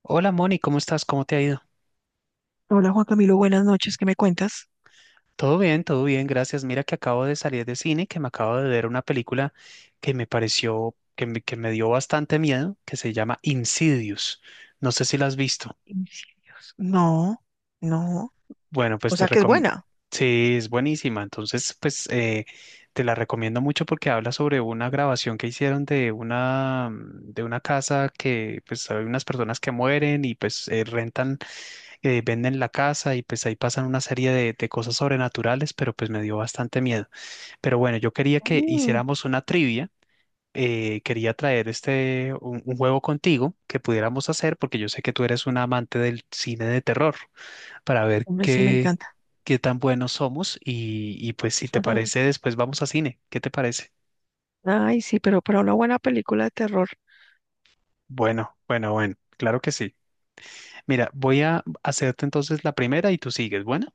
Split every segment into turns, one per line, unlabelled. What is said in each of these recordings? Hola Moni, ¿cómo estás? ¿Cómo te ha ido?
Hola Juan Camilo, buenas noches, ¿qué me cuentas?
Todo bien, gracias. Mira que acabo de salir de cine, que me acabo de ver una película que me dio bastante miedo, que se llama Insidious. No sé si la has visto.
Homicidios. No, no,
Bueno,
o
pues te
sea que es
recomiendo.
buena.
Sí, es buenísima. Entonces, te la recomiendo mucho porque habla sobre una grabación que hicieron de una casa que, pues, hay unas personas que mueren y pues rentan venden la casa y pues ahí pasan una serie de cosas sobrenaturales, pero pues me dio bastante miedo. Pero bueno, yo quería que
Mm,
hiciéramos una trivia. Quería traer un juego contigo que pudiéramos hacer porque yo sé que tú eres un amante del cine de terror para ver
hombre, sí, me encanta.
qué tan buenos somos y pues si te parece después vamos a cine. ¿Qué te parece?
Ay, sí, pero para una buena película de terror.
Bueno, bueno, bueno, claro que sí. Mira, voy a hacerte entonces la primera y tú sigues. Bueno,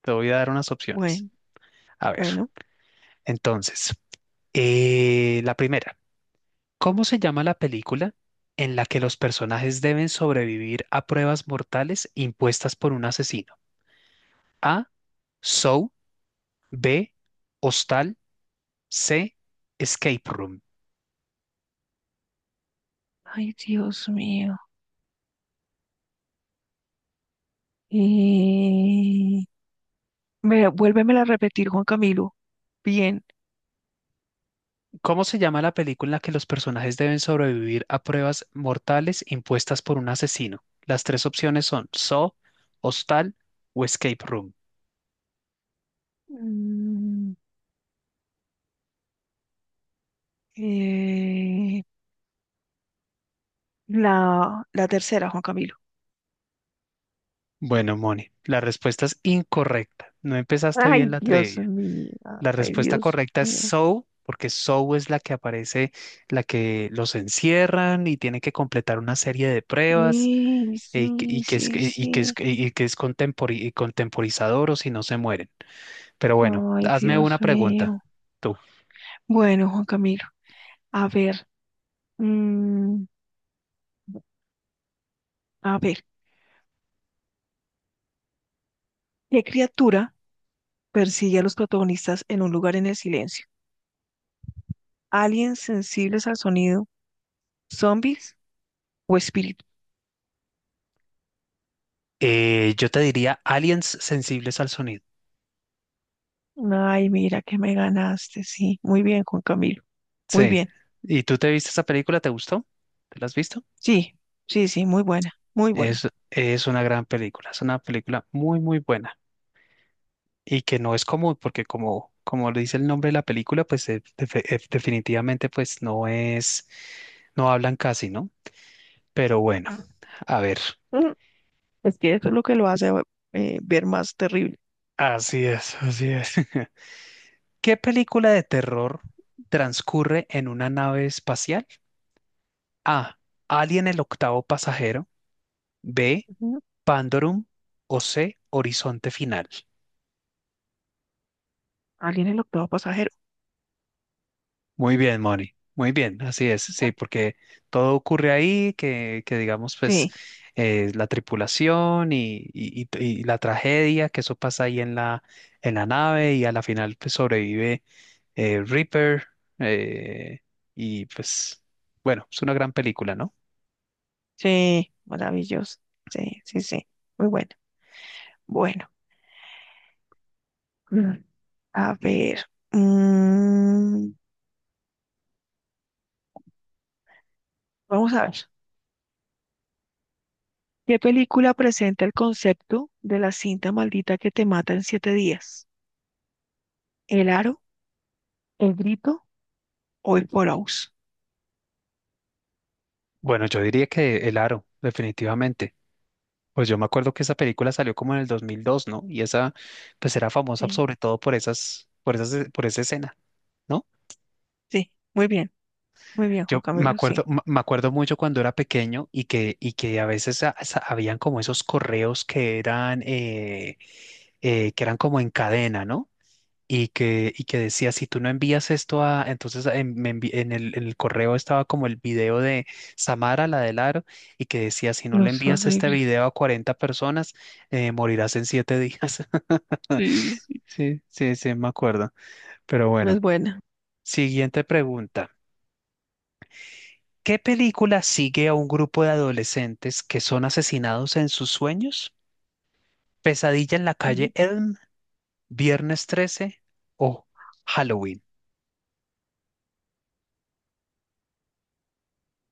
te voy a dar unas opciones.
Bueno,
A ver,
bueno.
entonces, la primera, ¿cómo se llama la película en la que los personajes deben sobrevivir a pruebas mortales impuestas por un asesino? A. Saw. B. Hostal. C. Escape Room.
Ay, Dios mío. Y... Mira, vuélvemela a repetir, Juan Camilo. Bien.
¿Cómo se llama la película en la que los personajes deben sobrevivir a pruebas mortales impuestas por un asesino? Las tres opciones son Saw, Hostal o Escape Room.
Mm, eh, la tercera, Juan Camilo.
Bueno, Moni, la respuesta es incorrecta. No empezaste bien
Ay,
la
Dios
trivia.
mío.
La
Ay,
respuesta
Dios
correcta es
mío.
Sow, porque Sow es la que aparece, la que los encierran y tiene que completar una serie de pruebas
Sí, sí, sí, sí.
que es contemporizador o si no se mueren. Pero bueno,
Ay,
hazme
Dios
una pregunta,
mío.
tú.
Bueno, Juan Camilo, a ver, mm, a ver, ¿qué criatura persigue a los protagonistas en un lugar en el silencio? ¿Aliens sensibles al sonido, zombies o espíritus?
Yo te diría aliens sensibles al sonido.
Ay, mira que me ganaste, sí, muy bien, Juan Camilo, muy
Sí.
bien,
¿Y tú te viste esa película? ¿Te gustó? ¿Te la has visto?
sí, sí, sí, muy buena, muy buena.
Es una gran película, es una película muy, muy buena. Y que no es común, porque como lo dice el nombre de la película, pues definitivamente pues no es, no hablan casi, ¿no? Pero bueno,
Ah.
a ver.
Mm, Es que eso es lo que lo hace ver más terrible.
Así es, así es. ¿Qué película de terror transcurre en una nave espacial? A. Alien el octavo pasajero. B.
Ujú.
Pandorum. O C. Horizonte final.
Alien el octavo pasajero.
Muy bien, Moni. Muy bien, así es, sí, porque todo ocurre ahí, que digamos, pues
Sí,
eh, la tripulación y la tragedia, que eso pasa ahí en la nave y a la final pues sobrevive Reaper eh, y pues bueno, es una gran película, ¿no?
sí, maravilloso, sí, sí, sí, muy buena. Bueno, mm, a ver, mm, vamos a ver. ¿Qué película presenta el concepto de la cinta maldita que te mata en siete días? ¿El aro, el grito o el Porous?
Bueno, yo diría que El Aro, definitivamente. Pues yo me acuerdo que esa película salió como en el 2002, ¿no? Y esa pues era famosa
Sí,
sobre todo por esa escena. ¿No?
sí, muy bien, Juan
Yo me
Camilo, sí.
acuerdo, me acuerdo mucho cuando era pequeño y que a veces habían como esos correos que eran como en cadena, ¿no? Y que decía, si tú no envías esto a, entonces en, me envi- en el correo estaba como el video de Samara, la del aro, y que decía, si no
No
le
es
envías este
horrible.
video a 40 personas, morirás en 7 días.
Sí, sí, sí.
Sí, sí, sí, me acuerdo. Pero
No
bueno,
es buena.
siguiente pregunta. ¿Qué película sigue a un grupo de adolescentes que son asesinados en sus sueños? ¿Pesadilla en la calle
Ujú.
Elm, Viernes 13 o Halloween?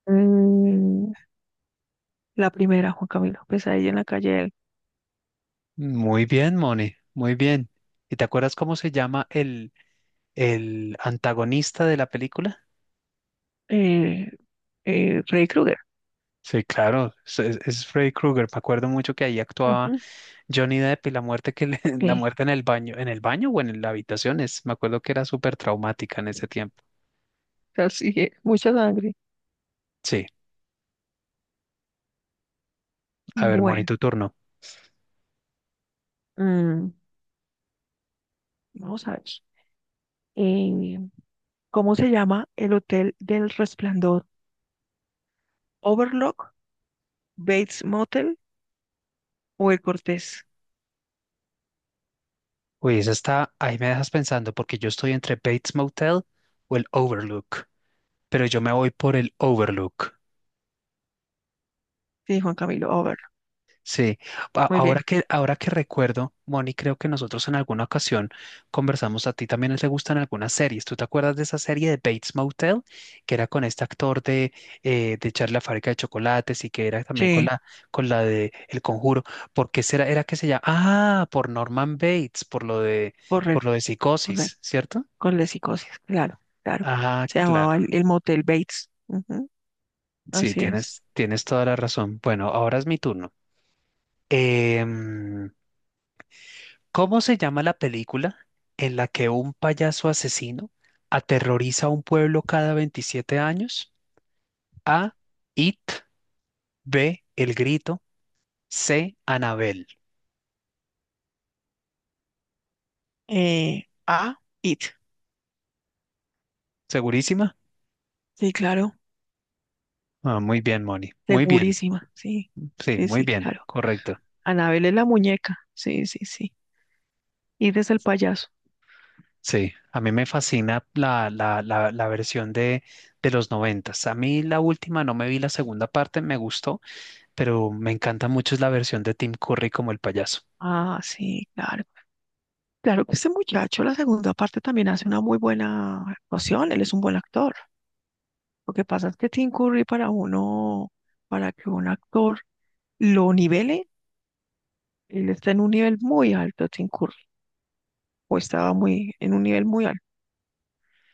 Mm, la primera, Juan Camilo, Pesadilla en la calle del
Muy bien, Moni, muy bien. ¿Y te acuerdas cómo se llama el antagonista de la película?
eh, Freddy Krueger.
Sí, claro, es Freddy Krueger. Me acuerdo mucho que ahí actuaba
Ujú,
Johnny Depp y la muerte que le- la
sí,
muerte en el baño o en la habitación es, me acuerdo que era súper traumática en ese tiempo.
así es, mucha sangre.
Sí, a ver, Moni,
Bueno,
tu turno.
mm, vamos a ver. eh, ¿Cómo se llama el hotel del Resplandor? Overlook, Bates Motel o el Cortés?
Uy, esa está, ahí me dejas pensando porque yo estoy entre Bates Motel o el Overlook, pero yo me voy por el Overlook.
Sí, Juan Camilo, Overlock.
Sí,
Muy bien.
ahora que recuerdo, Moni, creo que nosotros en alguna ocasión conversamos, a ti también te gustan algunas series. ¿Tú te acuerdas de esa serie de Bates Motel que era con este actor de Charlie la fábrica de chocolates y que era también
Sí,
con la de El Conjuro? ¿Por qué será, era que se llama? Ah, por Norman Bates, por lo
correcto,
de
correcto.
psicosis, ¿cierto?
Con la psicosis, claro, claro.
Ah,
Se llamaba
claro.
el motel Bates. Ujú,
Sí,
así es.
tienes, tienes toda la razón. Bueno, ahora es mi turno. Em, ¿Cómo se llama la película en la que un payaso asesino aterroriza a un pueblo cada 27 años? A. It. B. El Grito. C. Anabel.
It.
¿Segurísima?
Sí, claro.
Ah, muy bien, Moni. Muy bien.
Segurísima. Sí,
Sí,
sí,
muy
sí,
bien.
claro.
Correcto.
Anabel es la muñeca. Sí, sí, sí. It es el payaso.
Sí, a mí me fascina la versión de los noventas. A mí la última no me vi la segunda parte, me gustó pero me encanta mucho es la versión de Tim Curry como el payaso.
Ah, sí, claro. Claro que este muchacho, la segunda parte también hace una muy buena actuación, él es un buen actor. Lo que pasa es que Tim Curry para uno, para que un actor lo nivele, él está en un nivel muy alto, Tim Curry, o estaba muy, en un nivel muy alto,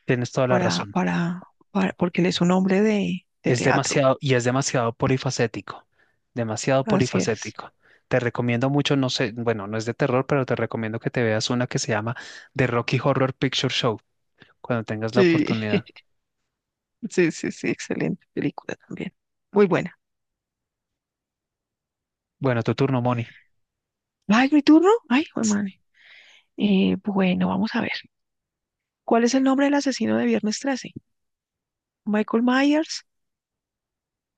Tienes toda la
para,
razón.
para, para, porque él es un hombre de
Es
teatro.
demasiado y es demasiado polifacético, demasiado
Así es.
polifacético. Te recomiendo mucho, no sé, bueno, no es de terror, pero te recomiendo que te veas una que se llama The Rocky Horror Picture Show cuando tengas la
Sí,
oportunidad.
sí, sí, sí, excelente película también. Muy buena.
Bueno, tu turno, Moni.
Ay, mi turno. Ay,
Ts-
hermano. Bueno, vamos a ver. ¿Cuál es el nombre del asesino de Viernes 13? Michael Myers.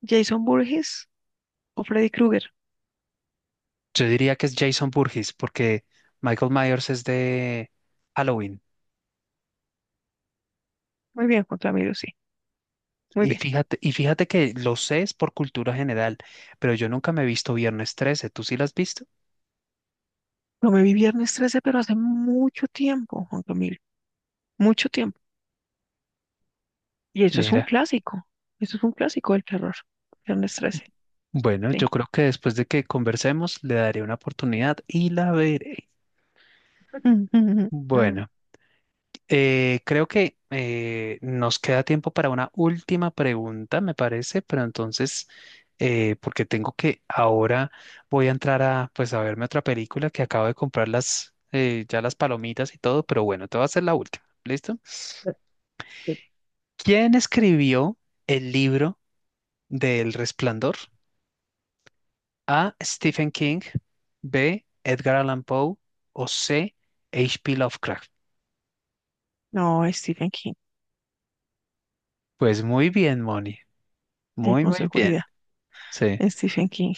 Jason Burgess o Freddy Krueger.
Yo diría que es Jason Burgess porque Michael Myers es de Halloween.
Muy bien, Juan Camilo, sí. Muy bien.
Y fíjate que lo sé es por cultura general, pero yo nunca me he visto Viernes 13. ¿Tú sí lo has visto?
No me vi Viernes 13, pero hace mucho tiempo, Juan Camilo. Mucho tiempo. Y eso es un
Mira.
clásico. Eso es un clásico del terror. Viernes 13,
Bueno, yo
sí.
creo que después de que conversemos le daré una oportunidad y la veré. Bueno, creo que nos queda tiempo para una última pregunta, me parece, pero entonces, porque tengo que ahora voy a entrar a, pues, a verme otra película que acabo de comprar las, ya las palomitas y todo, pero bueno, te voy a hacer la última, ¿listo? ¿Quién escribió el libro del Resplandor? A. Stephen King, B. Edgar Allan Poe o C. H.P. Lovecraft.
No, Stephen King.
Pues muy bien, Moni. Muy,
Con
muy bien.
seguridad.
Sí.
Stephen King.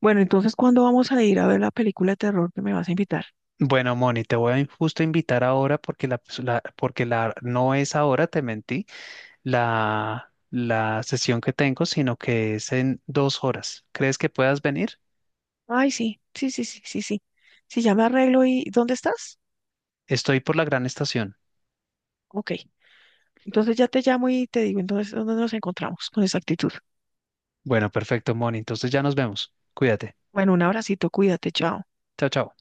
Bueno, entonces, ¿cuándo vamos a ir a ver la película de terror que me vas a invitar?
Bueno, Moni, te voy a justo invitar ahora porque la, pues, porque la no es ahora, te mentí, la sesión que tengo, sino que es en 2 horas. ¿Crees que puedas venir?
Ay, sí, sí, sí, sí, sí, sí. Si ya me arreglo y ¿dónde estás?
Estoy por la gran estación.
Ok, entonces ya te llamo y te digo, entonces, ¿dónde nos encontramos con exactitud?
Bueno, perfecto, Moni. Entonces ya nos vemos. Cuídate.
Bueno, un abracito, cuídate, chao.
Chao, chao.